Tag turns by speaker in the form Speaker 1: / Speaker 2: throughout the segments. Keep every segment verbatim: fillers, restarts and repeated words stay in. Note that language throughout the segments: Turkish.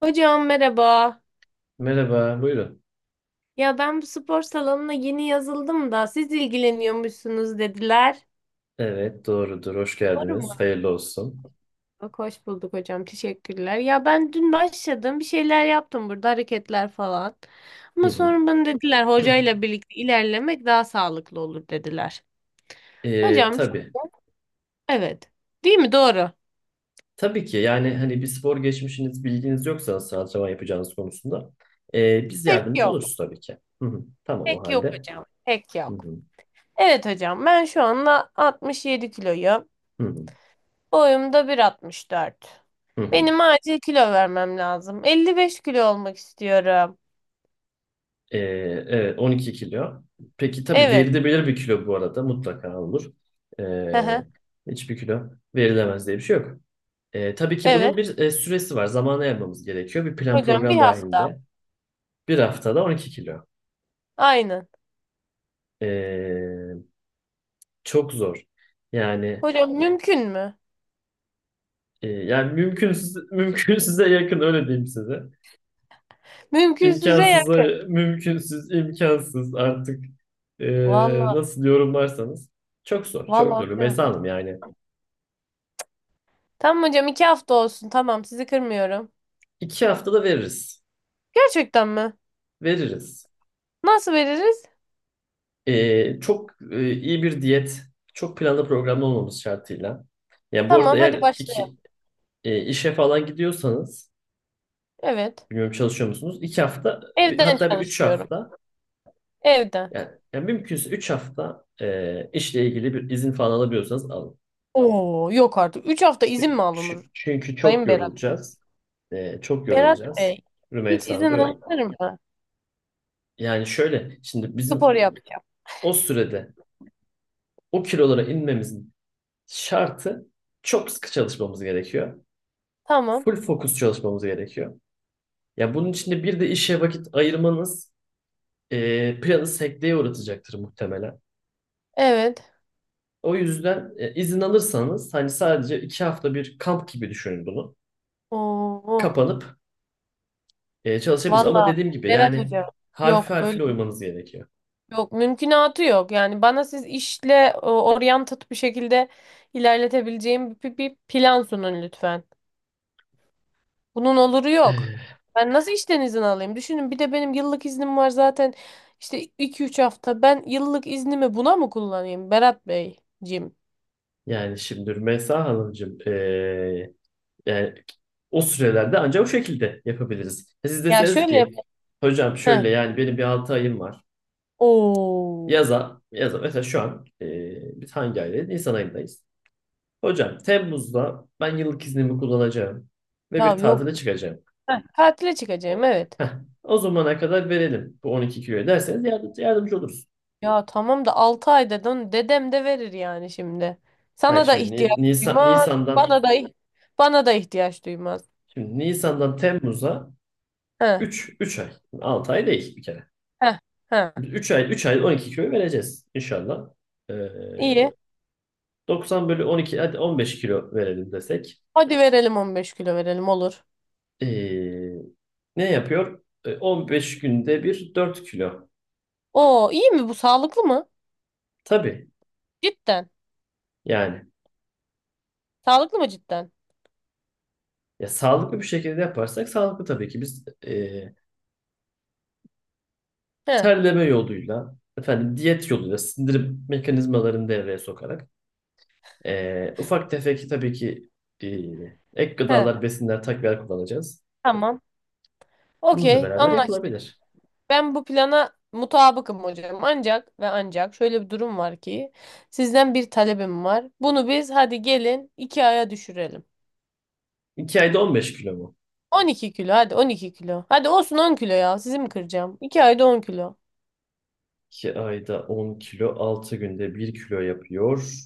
Speaker 1: Hocam merhaba.
Speaker 2: Merhaba, buyurun.
Speaker 1: Ya ben bu spor salonuna yeni yazıldım da siz ilgileniyormuşsunuz dediler.
Speaker 2: Evet, doğrudur. Hoş
Speaker 1: Doğru mu?
Speaker 2: geldiniz. Hayırlı olsun.
Speaker 1: Bak, hoş bulduk hocam. Teşekkürler. Ya ben dün başladım. Bir şeyler yaptım burada hareketler falan.
Speaker 2: Hı
Speaker 1: Ama
Speaker 2: hı.
Speaker 1: sonra bana dediler hocayla birlikte ilerlemek daha sağlıklı olur dediler.
Speaker 2: Ee,
Speaker 1: Hocam
Speaker 2: tabii.
Speaker 1: şöyle- evet. Değil mi? Doğru.
Speaker 2: Tabii ki yani hani bir spor geçmişiniz, bilginiz yoksa nasıl antrenman yapacağınız konusunda ee, biz
Speaker 1: Pek
Speaker 2: yardımcı
Speaker 1: yok.
Speaker 2: oluruz tabii ki. Hı hı. Tamam o
Speaker 1: Pek yok
Speaker 2: halde.
Speaker 1: hocam. Pek
Speaker 2: Hı
Speaker 1: yok.
Speaker 2: hı.
Speaker 1: Evet hocam, ben şu anda altmış yedi kiloyum.
Speaker 2: Hı hı.
Speaker 1: Boyum da 1.64.
Speaker 2: Hı hı.
Speaker 1: Benim acil kilo vermem lazım. elli beş kilo olmak istiyorum.
Speaker 2: Ee, evet on iki kilo. Peki tabii
Speaker 1: Evet.
Speaker 2: verilebilir bir kilo, bu arada mutlaka olur.
Speaker 1: Hı
Speaker 2: Ee,
Speaker 1: hı.
Speaker 2: hiçbir kilo verilemez diye bir şey yok. Ee, tabii ki bunun
Speaker 1: Evet.
Speaker 2: bir e, süresi var. Zamana yapmamız gerekiyor. Bir plan
Speaker 1: Hocam, bir
Speaker 2: program
Speaker 1: hafta.
Speaker 2: dahilinde. Bir haftada on iki kilo.
Speaker 1: Aynen.
Speaker 2: Ee, çok zor. Yani
Speaker 1: Hocam, mümkün mü?
Speaker 2: e, yani mümkünsüz, mümkünsüze yakın öyle diyeyim size.
Speaker 1: Mümkünsüze
Speaker 2: İmkansıza,
Speaker 1: yakın.
Speaker 2: mümkünsüz, imkansız artık, e,
Speaker 1: Vallahi,
Speaker 2: nasıl yorumlarsanız. Çok zor, çok
Speaker 1: vallahi
Speaker 2: zor.
Speaker 1: diyorum.
Speaker 2: Mesela Hanım, yani
Speaker 1: Tamam hocam, iki hafta olsun. Tamam, sizi kırmıyorum.
Speaker 2: iki haftada veririz,
Speaker 1: Gerçekten mi?
Speaker 2: veririz.
Speaker 1: Nasıl veririz?
Speaker 2: Ee, çok e, iyi bir diyet, çok planlı programlı olmamız şartıyla. Yani bu arada
Speaker 1: Tamam, hadi
Speaker 2: eğer iki
Speaker 1: başlayalım.
Speaker 2: e, işe falan gidiyorsanız,
Speaker 1: Evet.
Speaker 2: bilmiyorum, çalışıyor musunuz? İki hafta, bir-
Speaker 1: Evden
Speaker 2: hatta bir üç
Speaker 1: çalışıyorum.
Speaker 2: hafta
Speaker 1: Evden.
Speaker 2: Yani, yani mümkünse üç hafta e, işle ilgili bir izin falan alabiliyorsanız alın.
Speaker 1: Oo, yok artık. Üç hafta izin mi
Speaker 2: ç-
Speaker 1: alınır?
Speaker 2: Çünkü çok
Speaker 1: Sayın Berat Bey.
Speaker 2: yorulacağız. E, çok
Speaker 1: Berat
Speaker 2: yorulacağız.
Speaker 1: Bey. Hiç
Speaker 2: Rümeysa Hanım,
Speaker 1: izin
Speaker 2: buyurun.
Speaker 1: alınır mı?
Speaker 2: Yani şöyle, şimdi
Speaker 1: Spor
Speaker 2: bizim
Speaker 1: yapacağım.
Speaker 2: o sürede o kilolara inmemizin şartı, çok sıkı çalışmamız gerekiyor.
Speaker 1: Tamam.
Speaker 2: Full fokus çalışmamız gerekiyor. Ya bunun içinde bir de işe vakit ayırmanız e, planı sekteye uğratacaktır muhtemelen.
Speaker 1: Evet.
Speaker 2: O yüzden e, izin alırsanız, hani sadece iki hafta bir kamp gibi düşünün bunu,
Speaker 1: Oo,
Speaker 2: kapanıp e, çalışabiliriz. Ama
Speaker 1: valla
Speaker 2: dediğim gibi,
Speaker 1: Berat
Speaker 2: yani
Speaker 1: Hocam.
Speaker 2: harfi
Speaker 1: Yok böyle,
Speaker 2: harfine uymanız gerekiyor.
Speaker 1: yok mümkünatı yok. Yani bana siz işle e, oryantat bir şekilde ilerletebileceğim bir, bir plan sunun lütfen. Bunun oluru yok. Ben nasıl işten izin alayım? Düşünün bir de benim yıllık iznim var zaten, işte iki üç hafta. Ben yıllık iznimi buna mı kullanayım Berat Beyciğim?
Speaker 2: Yani şimdi Rümeysa Hanımcığım, e, yani o sürelerde ancak o şekilde yapabiliriz. E, Siz
Speaker 1: Ya
Speaker 2: deseniz
Speaker 1: şöyle yap.
Speaker 2: ki, "Hocam
Speaker 1: Heh.
Speaker 2: şöyle, yani benim bir altı ayım var.
Speaker 1: Oo.
Speaker 2: Yaza, yaza mesela, şu an e, biz hangi aydayız? Nisan ayındayız. Hocam, Temmuz'da ben yıllık iznimi kullanacağım ve
Speaker 1: Ya
Speaker 2: bir
Speaker 1: yok.
Speaker 2: tatile çıkacağım."
Speaker 1: Heh, tatile çıkacağım,
Speaker 2: O,
Speaker 1: evet.
Speaker 2: heh, o zamana kadar verelim bu on iki kiloyu derseniz, yardım, yardımcı oluruz.
Speaker 1: Ya tamam da altı ay dedin. Dedem de verir yani şimdi.
Speaker 2: Hayır,
Speaker 1: Sana da
Speaker 2: şimdi
Speaker 1: ihtiyaç
Speaker 2: Ni- Nisan,
Speaker 1: duymaz.
Speaker 2: Nisan'dan
Speaker 1: Bana da bana da ihtiyaç duymaz.
Speaker 2: Şimdi Nisan'dan Temmuz'a
Speaker 1: He,
Speaker 2: üç üç ay. altı ay değil bir kere.
Speaker 1: he, he.
Speaker 2: Üç ay, üç ay on iki kilo vereceğiz inşallah. Ee,
Speaker 1: İyi.
Speaker 2: doksan bölü on iki, hadi on beş kilo verelim desek.
Speaker 1: Hadi verelim, on beş kilo verelim, olur.
Speaker 2: Ee, ne yapıyor? Ee, on beş günde bir dört kilo.
Speaker 1: Oo, iyi mi bu, sağlıklı mı?
Speaker 2: Tabii.
Speaker 1: Cidden.
Speaker 2: Yani
Speaker 1: Sağlıklı mı cidden?
Speaker 2: ya, sağlıklı bir şekilde yaparsak sağlıklı tabii ki. Biz e,
Speaker 1: He,
Speaker 2: terleme yoluyla, efendim, diyet yoluyla sindirim mekanizmalarını devreye sokarak, Ee, ufak tefek tabii ki e, ek
Speaker 1: he.
Speaker 2: gıdalar, besinler, takviyeler kullanacağız.
Speaker 1: Tamam.
Speaker 2: Bununla
Speaker 1: Okey,
Speaker 2: beraber
Speaker 1: anlaştık.
Speaker 2: yapılabilir.
Speaker 1: Ben bu plana mutabıkım hocam. Ancak ve ancak şöyle bir durum var ki, sizden bir talebim var. Bunu biz hadi gelin iki aya düşürelim.
Speaker 2: iki ayda on beş kilo mu?
Speaker 1: On iki kilo, hadi on iki kilo. Hadi olsun on kilo ya. Sizi mi kıracağım? iki ayda on kilo.
Speaker 2: iki ayda on kilo, altı günde bir kilo yapıyor.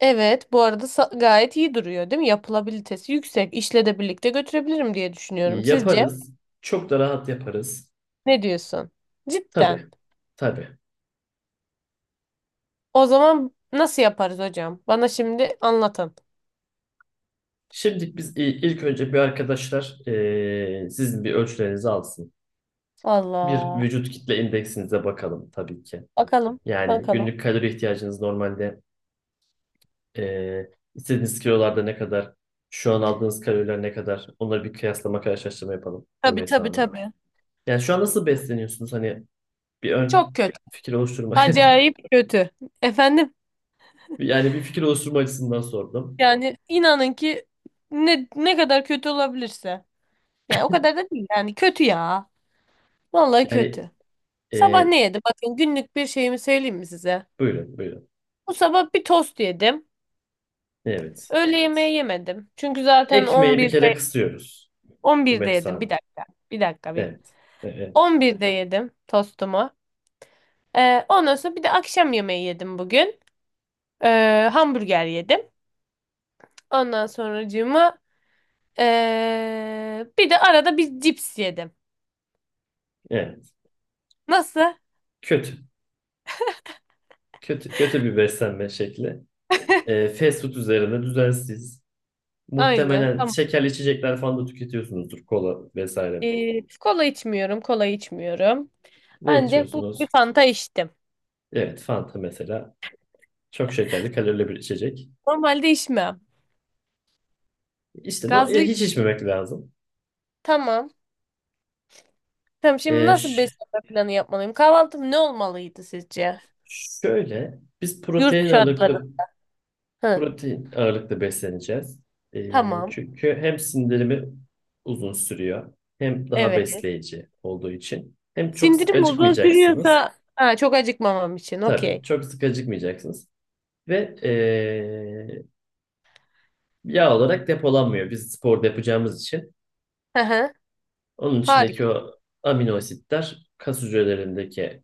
Speaker 1: Evet bu arada sa- gayet iyi duruyor değil mi? Yapılabilitesi yüksek. İşle de birlikte götürebilirim diye düşünüyorum. Sizce
Speaker 2: Yaparız. Çok da rahat yaparız.
Speaker 1: ne diyorsun? Cidden.
Speaker 2: Tabii, tabii.
Speaker 1: O zaman nasıl yaparız hocam? Bana şimdi anlatın.
Speaker 2: Şimdi biz i- ilk önce bir arkadaşlar e, sizin bir ölçülerinizi alsın. Bir
Speaker 1: Allah.
Speaker 2: vücut kitle indeksinize bakalım tabii ki.
Speaker 1: Bakalım.
Speaker 2: Yani
Speaker 1: Bakalım.
Speaker 2: günlük kalori ihtiyacınız normalde, Ee, istediğiniz kilolarda ne kadar, şu an aldığınız kaloriler ne kadar, onları bir kıyaslama, karşılaştırma yapalım
Speaker 1: Tabii
Speaker 2: Rümeysa
Speaker 1: tabii
Speaker 2: Hanım.
Speaker 1: tabii.
Speaker 2: Yani şu an nasıl besleniyorsunuz? Hani bir
Speaker 1: Çok
Speaker 2: ön
Speaker 1: kötü.
Speaker 2: fikir oluşturma.
Speaker 1: Acayip kötü. Efendim,
Speaker 2: Yani bir fikir oluşturma açısından sordum.
Speaker 1: yani inanın ki ne ne kadar kötü olabilirse. Yani o kadar da değil yani, kötü ya. Vallahi
Speaker 2: Yani
Speaker 1: kötü.
Speaker 2: e,
Speaker 1: Sabah ne yedim? Bakın, günlük bir şeyimi söyleyeyim mi size?
Speaker 2: buyurun, buyurun.
Speaker 1: Bu sabah bir tost yedim.
Speaker 2: Evet.
Speaker 1: Öğle yemeği yemedim. Çünkü zaten
Speaker 2: Ekmeği bir kere
Speaker 1: 11'de
Speaker 2: kısıyoruz
Speaker 1: 11'de
Speaker 2: Rümeysa
Speaker 1: yedim. Bir
Speaker 2: Hanım.
Speaker 1: dakika. Bir dakika bir.
Speaker 2: Evet. Evet.
Speaker 1: on birde yedim tostumu. Ee, ondan sonra bir de akşam yemeği yedim bugün. Ee, hamburger yedim. Ondan sonracığıma ee, bir de arada bir cips yedim.
Speaker 2: Evet.
Speaker 1: Nasıl?
Speaker 2: Kötü. Kötü, kötü bir beslenme şekli. Ee, fast food üzerine, düzensiz.
Speaker 1: Aynen.
Speaker 2: Muhtemelen
Speaker 1: Tamam.
Speaker 2: şekerli içecekler falan da tüketiyorsunuzdur. Kola vesaire.
Speaker 1: Ee, kola içmiyorum. Kola içmiyorum.
Speaker 2: Ne
Speaker 1: Ancak bu bir
Speaker 2: içiyorsunuz?
Speaker 1: Fanta içtim.
Speaker 2: Evet, Fanta mesela. Çok şekerli, kalorili bir içecek.
Speaker 1: Normalde içmem.
Speaker 2: İşte no,
Speaker 1: Gazlı.
Speaker 2: e, hiç içmemek lazım.
Speaker 1: Tamam. Tamam, şimdi
Speaker 2: E,
Speaker 1: nasıl bir
Speaker 2: ş-
Speaker 1: beslenme planı yapmalıyım? Kahvaltım ne olmalıydı sizce?
Speaker 2: şöyle, biz
Speaker 1: Yurt
Speaker 2: protein
Speaker 1: şartları.
Speaker 2: ağırlıklı
Speaker 1: Hı,
Speaker 2: protein ağırlıklı besleneceğiz. E,
Speaker 1: tamam.
Speaker 2: çünkü hem sindirimi uzun sürüyor, hem daha
Speaker 1: Evet.
Speaker 2: besleyici olduğu için, hem çok sık
Speaker 1: Sindirim uzun
Speaker 2: acıkmayacaksınız.
Speaker 1: sürüyorsa ha, çok acıkmamam için.
Speaker 2: Tabii,
Speaker 1: Okey.
Speaker 2: çok sık acıkmayacaksınız. Ve e, yağ olarak depolanmıyor. Biz spor da yapacağımız için,
Speaker 1: Hı hı.
Speaker 2: onun içindeki
Speaker 1: Harika.
Speaker 2: o amino asitler kas hücrelerindeki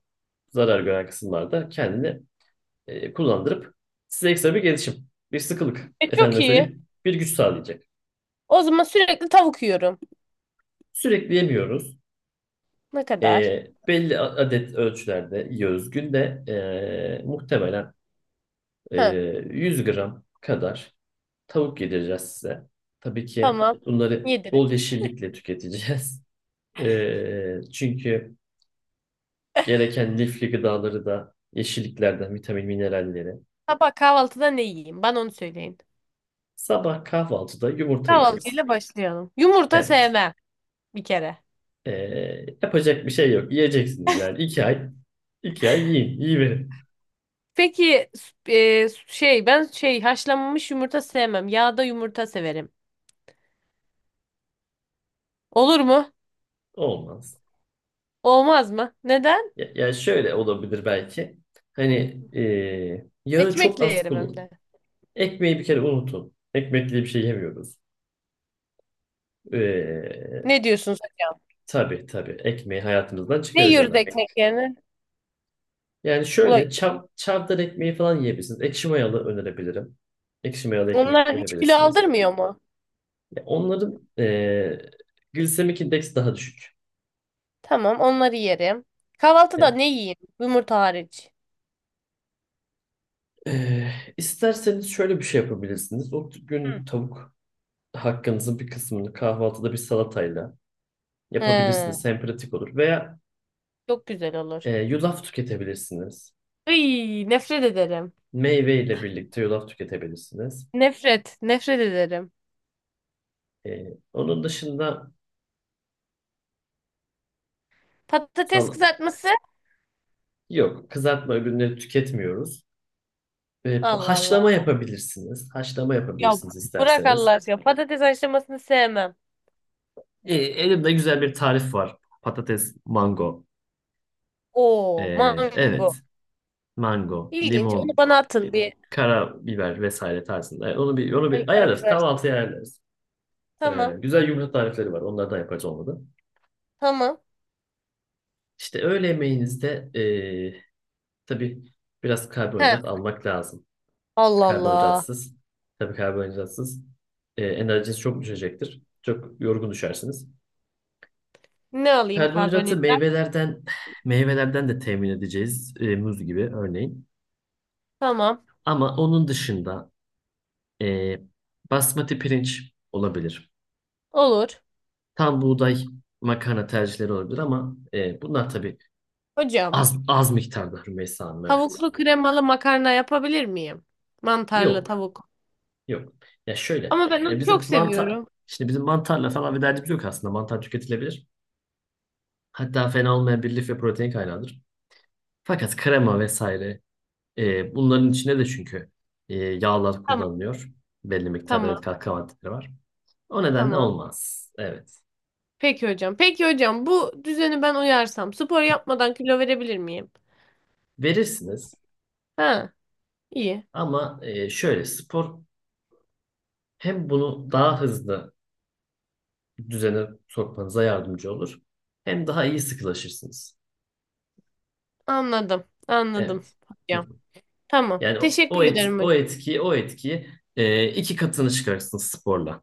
Speaker 2: zarar gören kısımlarda kendini e, kullandırıp, size ekstra bir gelişim, bir sıkılık,
Speaker 1: E, çok
Speaker 2: efendime
Speaker 1: iyi.
Speaker 2: söyleyeyim, bir güç sağlayacak.
Speaker 1: O zaman sürekli tavuk yiyorum.
Speaker 2: Sürekli yemiyoruz.
Speaker 1: Ne kadar?
Speaker 2: E, belli a- adet ölçülerde yiyoruz. Günde e, muhtemelen e,
Speaker 1: Hı,
Speaker 2: yüz gram kadar tavuk yedireceğiz size. Tabii ki
Speaker 1: tamam.
Speaker 2: bunları
Speaker 1: Yedirim.
Speaker 2: bol yeşillikle tüketeceğiz. E, çünkü gereken lifli gıdaları da yeşilliklerden, vitamin mineralleri.
Speaker 1: Sabah kahvaltıda ne yiyeyim? Bana onu söyleyin.
Speaker 2: Sabah kahvaltıda yumurta yiyeceğiz.
Speaker 1: Kahvaltıyla başlayalım. Yumurta
Speaker 2: Evet.
Speaker 1: sevmem bir kere.
Speaker 2: Ee, yapacak bir şey yok. Yiyeceksiniz yani. İki ay, iki ay yiyin. Yiyiverin.
Speaker 1: Peki s- e, şey ben şey haşlanmış yumurta sevmem. Yağda yumurta severim. Olur mu?
Speaker 2: Olmaz.
Speaker 1: Olmaz mı? Neden?
Speaker 2: Ya, yani şöyle olabilir belki. Hani ee, yağı çok
Speaker 1: Ekmekle
Speaker 2: az
Speaker 1: yerim hem
Speaker 2: kullanın.
Speaker 1: de.
Speaker 2: Ekmeği bir kere unutun. Ekmekli bir şey yemiyoruz. Ee,
Speaker 1: Ne diyorsunuz hocam?
Speaker 2: tabii tabii. Ekmeği hayatımızdan
Speaker 1: Ne
Speaker 2: çıkaracağız
Speaker 1: yiyoruz
Speaker 2: artık.
Speaker 1: ekmek yerine?
Speaker 2: Yani
Speaker 1: Ulan,
Speaker 2: şöyle, çav, çavdar ekmeği falan yiyebilirsiniz. Ekşi mayalı önerebilirim. Ekşi mayalı ekmek
Speaker 1: onlar hiç kilo
Speaker 2: tüketebilirsiniz.
Speaker 1: aldırmıyor mu?
Speaker 2: Ya onların eee glisemik indeksi daha düşük.
Speaker 1: Tamam, onları yerim. Kahvaltıda
Speaker 2: Evet.
Speaker 1: ne yiyeyim? Yumurta hariç.
Speaker 2: Eee, isterseniz şöyle bir şey yapabilirsiniz. O
Speaker 1: Hı.
Speaker 2: günlük tavuk hakkınızın bir kısmını kahvaltıda bir salatayla
Speaker 1: He,
Speaker 2: yapabilirsiniz. Hem pratik olur. Veya
Speaker 1: çok güzel olur.
Speaker 2: eee, yulaf tüketebilirsiniz.
Speaker 1: Iy, nefret ederim.
Speaker 2: Meyve ile birlikte yulaf tüketebilirsiniz.
Speaker 1: Nefret, nefret ederim.
Speaker 2: Eee, onun dışında,
Speaker 1: Patates
Speaker 2: sal-
Speaker 1: kızartması?
Speaker 2: yok, kızartma ürünleri tüketmiyoruz. E,
Speaker 1: Allah Allah.
Speaker 2: haşlama yapabilirsiniz. Haşlama
Speaker 1: Ya
Speaker 2: yapabilirsiniz
Speaker 1: bırak Allah
Speaker 2: isterseniz.
Speaker 1: aşkına. Patates haşlamasını sevmem.
Speaker 2: E, elimde güzel bir tarif var. Patates, mango. E,
Speaker 1: Oo,
Speaker 2: evet.
Speaker 1: mango.
Speaker 2: Mango,
Speaker 1: İlginç. Onu
Speaker 2: limon,
Speaker 1: bana atın bir.
Speaker 2: karabiber vesaire tarzında. E, onu bir onu
Speaker 1: Ay,
Speaker 2: bir ayarlarız.
Speaker 1: karabiber.
Speaker 2: Kahvaltıya ayarlarız. E,
Speaker 1: Tamam,
Speaker 2: güzel yumurta tarifleri var. Onlardan yapacağız, olmadı.
Speaker 1: tamam.
Speaker 2: İşte öğle yemeğinizde e, tabii biraz
Speaker 1: He,
Speaker 2: karbonhidrat almak lazım. Şimdi
Speaker 1: Allah Allah.
Speaker 2: karbonhidratsız, tabii karbonhidratsız e, enerjiniz çok düşecektir. Çok yorgun düşersiniz.
Speaker 1: Ne alayım
Speaker 2: Karbonhidratı
Speaker 1: karbonhidrat?
Speaker 2: meyvelerden meyvelerden de temin edeceğiz. E, muz gibi örneğin.
Speaker 1: Tamam.
Speaker 2: Ama onun dışında e, basmati pirinç olabilir.
Speaker 1: Olur.
Speaker 2: Tam buğday makarna tercihleri olabilir, ama e, bunlar tabii
Speaker 1: Hocam,
Speaker 2: az az miktarda Rümeysa Hanım, evet.
Speaker 1: tavuklu kremalı makarna yapabilir miyim? Mantarlı
Speaker 2: Yok.
Speaker 1: tavuk.
Speaker 2: Yok. Ya şöyle.
Speaker 1: Ama ben
Speaker 2: E,
Speaker 1: onu çok
Speaker 2: bizim mantar
Speaker 1: seviyorum.
Speaker 2: şimdi bizim mantarla falan bir derdimiz yok aslında. Mantar tüketilebilir. Hatta fena olmayan bir lif ve protein kaynağıdır. Fakat krema vesaire. E, bunların içinde de çünkü e, yağlar
Speaker 1: Tamam,
Speaker 2: kullanılıyor. Belli miktarda,
Speaker 1: tamam,
Speaker 2: evet, katkı maddeleri var. O nedenle
Speaker 1: tamam.
Speaker 2: olmaz. Evet.
Speaker 1: Peki hocam. Peki hocam, bu düzeni ben uyarsam spor yapmadan kilo verebilir miyim?
Speaker 2: Verirsiniz,
Speaker 1: Ha, iyi.
Speaker 2: ama e, şöyle, spor hem bunu daha hızlı düzene sokmanıza yardımcı olur. Hem daha iyi sıkılaşırsınız.
Speaker 1: Anladım. Anladım
Speaker 2: Evet.
Speaker 1: hocam. Tamam.
Speaker 2: Yani o,
Speaker 1: Teşekkür
Speaker 2: o, et,
Speaker 1: ederim hocam.
Speaker 2: o etkiyi o etkiyi e, iki katını çıkarırsınız sporla.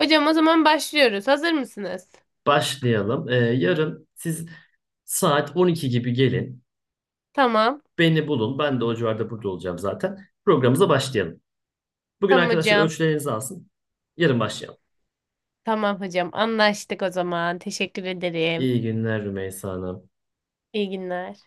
Speaker 1: Hocam, o zaman başlıyoruz. Hazır mısınız?
Speaker 2: Başlayalım. E, yarın siz saat on iki gibi gelin.
Speaker 1: Tamam.
Speaker 2: Beni bulun. Ben de o civarda, burada olacağım zaten. Programımıza başlayalım. Bugün
Speaker 1: Tamam
Speaker 2: arkadaşlar
Speaker 1: hocam.
Speaker 2: ölçülerinizi alsın. Yarın başlayalım.
Speaker 1: Tamam hocam. Anlaştık o zaman. Teşekkür ederim.
Speaker 2: İyi günler Rümeysa Hanım.
Speaker 1: İyi günler.